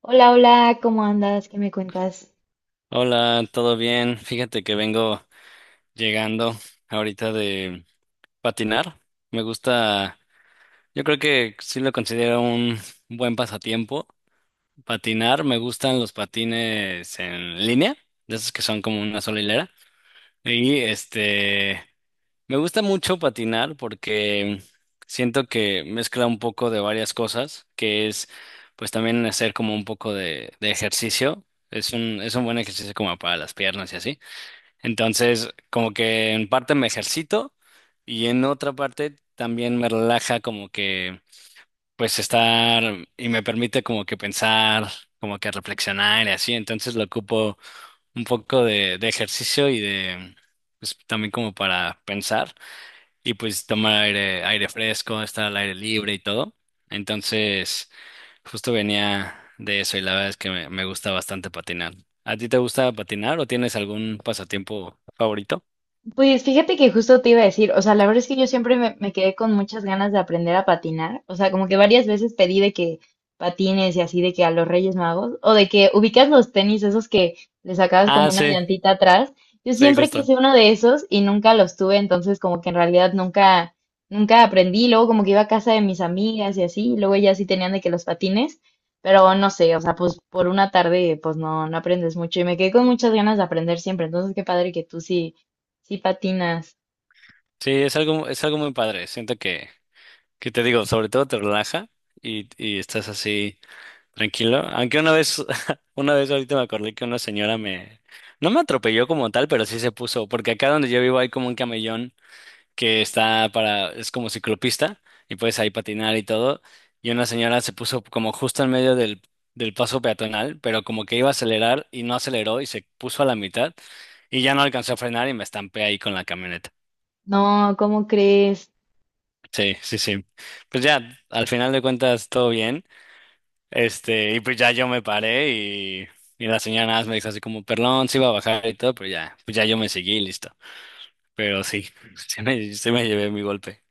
Hola, hola, ¿cómo andas? ¿Qué me cuentas? Hola, ¿todo bien? Fíjate que vengo llegando ahorita de patinar. Me gusta, yo creo que sí lo considero un buen pasatiempo. Patinar, me gustan los patines en línea, de esos que son como una sola hilera. Y este, me gusta mucho patinar porque siento que mezcla un poco de varias cosas, que es pues también hacer como un poco de ejercicio. Es un buen ejercicio como para las piernas y así. Entonces, como que en parte me ejercito y en otra parte también me relaja como que pues estar y me permite como que pensar, como que reflexionar y así. Entonces lo ocupo un poco de ejercicio y de pues también como para pensar y pues tomar aire, aire fresco, estar al aire libre y todo. Entonces, justo venía de eso y la verdad es que me gusta bastante patinar. ¿A ti te gusta patinar o tienes algún pasatiempo favorito? Pues fíjate que justo te iba a decir, o sea, la verdad es que yo siempre me quedé con muchas ganas de aprender a patinar. O sea, como que varias veces pedí de que patines y así de que a los Reyes Magos, o de que ubicas los tenis esos que le sacabas como Ah, una sí, llantita atrás. Yo sí, siempre justo. quise uno de esos y nunca los tuve, entonces como que en realidad nunca aprendí. Luego como que iba a casa de mis amigas y así, y luego ellas sí tenían de que los patines, pero no sé. O sea, pues por una tarde pues no aprendes mucho y me quedé con muchas ganas de aprender siempre. Entonces qué padre que tú sí sí patinas. Sí, es algo muy padre. Siento que te digo, sobre todo te relaja y estás así tranquilo. Aunque una vez, una vez ahorita me acordé que una señora no me atropelló como tal, pero sí se puso, porque acá donde yo vivo hay como un camellón que está para, es como ciclopista y puedes ahí patinar y todo. Y una señora se puso como justo en medio del paso peatonal, pero como que iba a acelerar y no aceleró y se puso a la mitad. Y ya no alcanzó a frenar y me estampé ahí con la camioneta. No, ¿cómo crees? Sí, sí, sí. Pues ya, al final de cuentas, todo bien. Este, y pues ya yo me paré y la señora nada más me dijo así como, perdón, sí iba a bajar y todo, pero ya, pues ya yo me seguí y listo. Pero sí, sí me llevé mi golpe.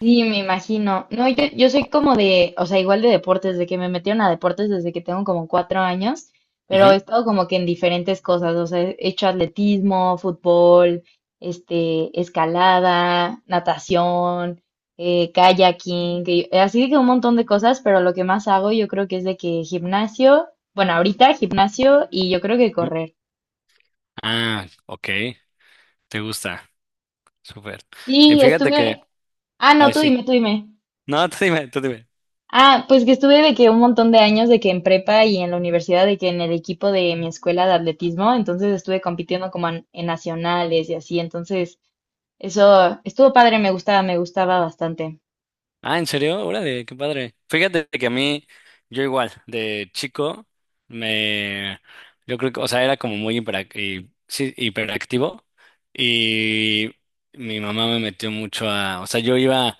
Sí, me imagino. No, yo soy como de, o sea, igual de deportes, de que me metieron a deportes desde que tengo como 4 años, pero he Ujú, estado como que en diferentes cosas. O sea, he hecho atletismo, fútbol, escalada, natación, kayaking, que- así de que un montón de cosas, pero lo que más hago yo creo que es de que gimnasio. Bueno, ahorita gimnasio y yo creo que ujú. correr. Ah, ok, te gusta, súper. Y Sí, fíjate que, estuve, ah, ay, no, tú sí. dime, tú dime. No, tú dime, tú dime. Ah, pues que estuve de que un montón de años de que en prepa y en la universidad, de que en el equipo de mi escuela de atletismo. Entonces estuve compitiendo como en nacionales y así. Entonces eso estuvo padre, me gustaba bastante. Ah, ¿en serio? Órale, qué padre. Fíjate que a mí, yo igual, de chico, me, yo creo que, o sea, era como muy sí, hiperactivo y mi mamá me metió mucho a, o sea, yo iba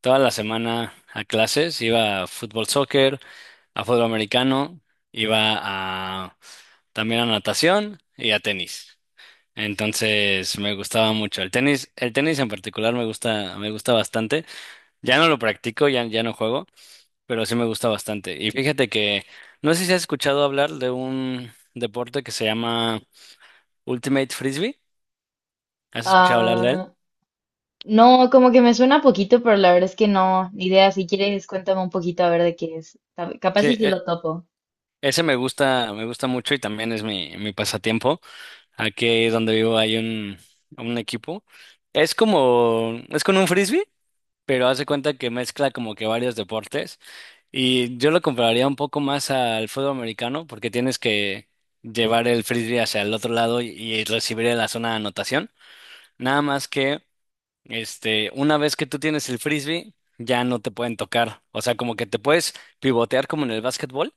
toda la semana a clases, iba a fútbol, soccer, a fútbol americano, iba a, también a natación y a tenis. Entonces me gustaba mucho el tenis en particular me gusta bastante. Ya no lo practico, ya, ya no juego, pero sí me gusta bastante. Y fíjate que, no sé si has escuchado hablar de un deporte que se llama Ultimate Frisbee. ¿Has escuchado hablar de él? Ah, no, como que me suena poquito, pero la verdad es que no, ni idea. Si quieres cuéntame un poquito a ver de qué es. Cap- Sí, capaz y si lo topo. ese me gusta mucho y también es mi pasatiempo. Aquí donde vivo hay un equipo. Es como, es con un frisbee, pero hace cuenta que mezcla como que varios deportes. Y yo lo compararía un poco más al fútbol americano porque tienes que llevar el frisbee hacia el otro lado y recibir en la zona de anotación. Nada más que una vez que tú tienes el frisbee, ya no te pueden tocar. O sea, como que te puedes pivotear como en el básquetbol,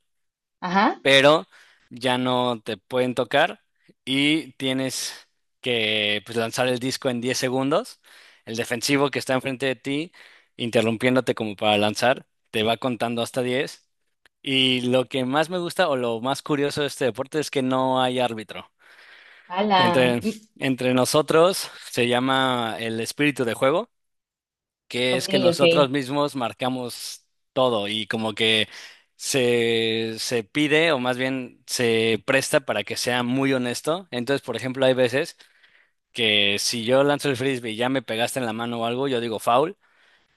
Ajá, pero ya no te pueden tocar y tienes que pues, lanzar el disco en 10 segundos. El defensivo que está enfrente de ti, interrumpiéndote como para lanzar, te va contando hasta 10 y lo que más me gusta o lo más curioso de este deporte es que no hay árbitro. ala, Entre, mm, entre nosotros se llama el espíritu de juego, que ok, es que ok. nosotros mismos marcamos todo y como que se pide o más bien se presta para que sea muy honesto. Entonces, por ejemplo, hay veces que si yo lanzo el frisbee y ya me pegaste en la mano o algo, yo digo foul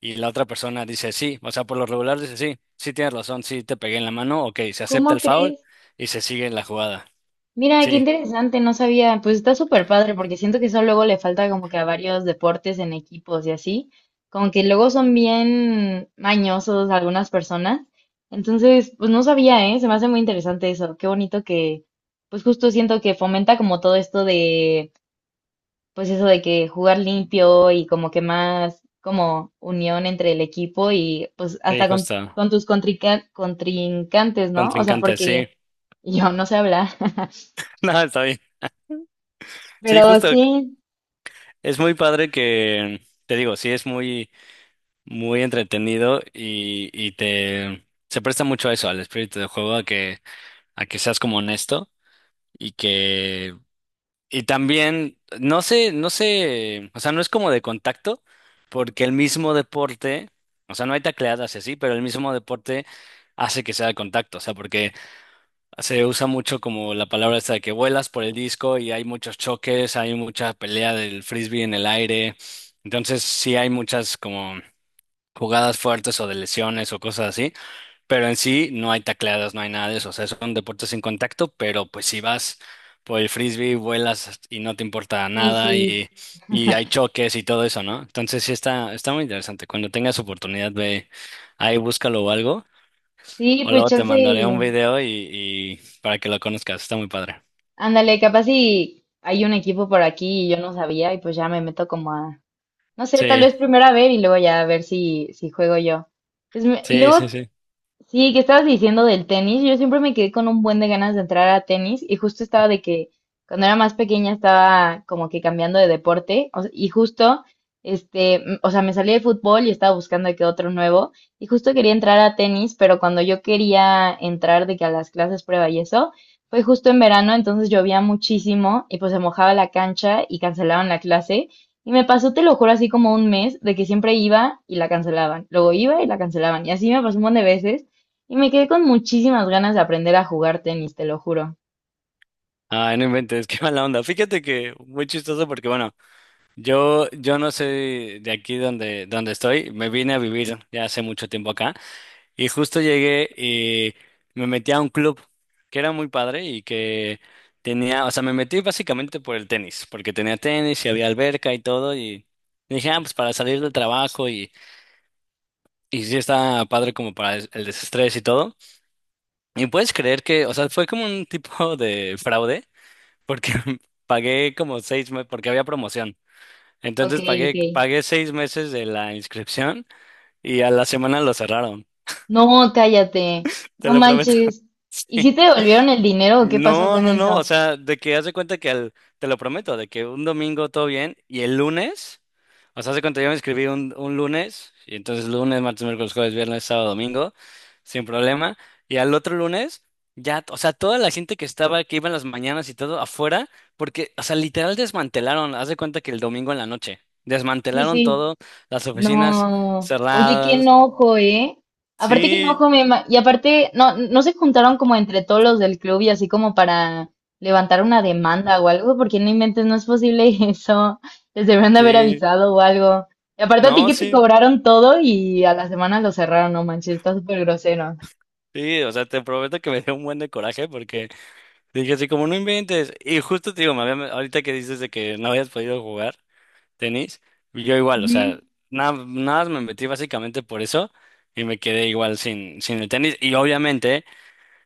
y la otra persona dice sí, o sea, por lo regular dice sí, sí tienes razón, sí te pegué en la mano, ok, se acepta ¿Cómo el foul crees? y se sigue la jugada. Mira, qué Sí, interesante, no sabía. Pues está súper padre porque siento que eso luego le falta como que a varios deportes en equipos y así, como que luego son bien mañosos algunas personas. Entonces pues no sabía, ¿eh? Se me hace muy interesante eso. Qué bonito que pues justo siento que fomenta como todo esto de pues eso de que jugar limpio y como que más como unión entre el equipo y pues sí, hasta justo, con tus contrinca- contrincantes, ¿no? O sea, contrincante, sí, porque yo no sé hablar. no, está bien. Sí, Pero justo, sí, es muy padre que, te digo, sí es muy, muy entretenido y te, se presta mucho a eso, al espíritu de juego, a que, seas como honesto y que y también, no sé, no sé, o sea, no es como de contacto, porque el mismo deporte, o sea, no hay tacleadas y así, pero el mismo deporte hace que sea de contacto, o sea, porque se usa mucho como la palabra esta de que vuelas por el disco y hay muchos choques, hay mucha pelea del frisbee en el aire, entonces sí hay muchas como jugadas fuertes o de lesiones o cosas así. Pero en sí no hay tacleadas, no hay nada de eso. O sea, son deportes sin contacto, pero pues si vas por el frisbee, vuelas y no te importa sí, nada sí. Y hay choques y todo eso, ¿no? Entonces sí está, está muy interesante. Cuando tengas oportunidad, ve ahí, búscalo o algo. Sí, O pues luego te chance, mandaré un y- video y para que lo conozcas. Está muy padre. ándale, capaz si hay un equipo por aquí y yo no sabía y pues ya me meto como a, no sé. Tal Sí, vez primero a ver y luego ya a ver si, si juego yo. Pues me- y sí, sí, luego sí. sí, que estabas diciendo del tenis. Yo siempre me quedé con un buen de ganas de entrar a tenis y justo estaba de que cuando era más pequeña estaba como que cambiando de deporte. O sea, y justo, o sea, me salí de fútbol y estaba buscando de que otro nuevo y justo quería entrar a tenis, pero cuando yo quería entrar de que a las clases prueba y eso, fue justo en verano. Entonces llovía muchísimo y pues se mojaba la cancha y cancelaron la clase. Y me pasó, te lo juro, así como un mes de que siempre iba y la cancelaban, luego iba y la cancelaban. Y así me pasó un montón de veces. Y me quedé con muchísimas ganas de aprender a jugar tenis, te lo juro. Ay, no inventes, qué mala onda. Fíjate que muy chistoso porque, bueno, yo no soy de aquí donde estoy. Me vine a vivir ya hace mucho tiempo acá. Y justo llegué y me metí a un club que era muy padre y que tenía, o sea, me metí básicamente por el tenis, porque tenía tenis y había alberca y todo y dije, ah, pues para salir del trabajo y sí está padre como para el desestrés y todo. Y puedes creer que, o sea, fue como un tipo de fraude, porque pagué como 6 meses, porque había promoción. Ok, Entonces ok. pagué 6 meses de la inscripción y a la semana lo cerraron, No, cállate. te No lo prometo. manches. ¿Y si te devolvieron el dinero o qué pasó No, con no, no, o eso? sea, de que haz de cuenta que te lo prometo, de que un domingo todo bien y el lunes, o sea, haz de cuenta yo me inscribí un lunes, y entonces lunes, martes, miércoles, jueves, viernes, sábado, domingo, sin problema, y al otro lunes, ya, o sea, toda la gente que estaba, que iba en las mañanas y todo afuera, porque, o sea, literal desmantelaron, haz de cuenta que el domingo en la noche, Sí, desmantelaron sí. todo, las oficinas No, oye, qué cerradas, enojo, ¿eh? Aparte, qué sí, enojo, me ima- y aparte, no se juntaron como entre todos los del club y así como para levantar una demanda o algo, porque no inventes, no es posible eso. Les deberían de haber sí, avisado o algo. Y aparte a ti no, que te sí, cobraron todo y a la semana lo cerraron, no manches, está súper grosero. sí, o sea, te prometo que me dio un buen de coraje porque... Dije así como no inventes. Y justo te digo, ahorita que dices de que no habías podido jugar tenis, yo igual, o Ujú. sea, nada más me metí básicamente por eso y me quedé igual sin el tenis. Y obviamente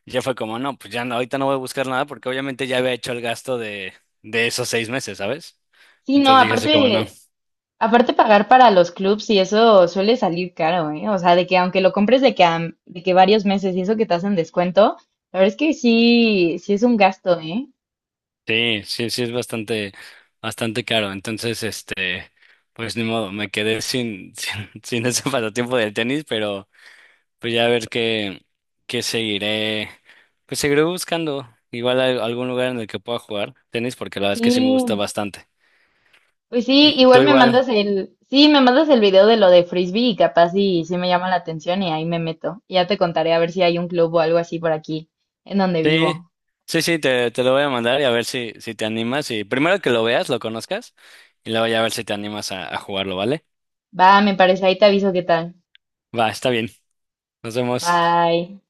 ya fue como, no, pues ya no, ahorita no voy a buscar nada porque obviamente ya había hecho el gasto de esos 6 meses, ¿sabes? Sí, no, Entonces dije así como no, aparte. Aparte pagar para los clubs y eso suele salir caro, ¿eh? O sea, de que aunque lo compres de que, a- de que varios meses y eso que te hacen descuento, la verdad es que sí es un gasto, ¿eh? sí, sí, sí es bastante, bastante caro. Entonces, este, pues ni modo, me quedé sin, sin ese pasatiempo del tenis, pero... Pues ya a ver qué seguiré, pues seguiré buscando igual algún lugar en el que pueda jugar tenis, porque la verdad es que sí me gusta Sí, bastante. pues Y sí, tú igual me igual. mandas el, sí, me mandas el video de lo de Frisbee y capaz sí me llama la atención y ahí me meto. Y ya te contaré a ver si hay un club o algo así por aquí, en donde Sí, vivo. sí, sí, te lo voy a mandar y a ver si te animas. Y primero que lo veas, lo conozcas, y luego ya a ver si te animas a jugarlo, ¿vale? Va, me parece, ahí te aviso qué tal. Va, está bien. Nos vemos. Bye.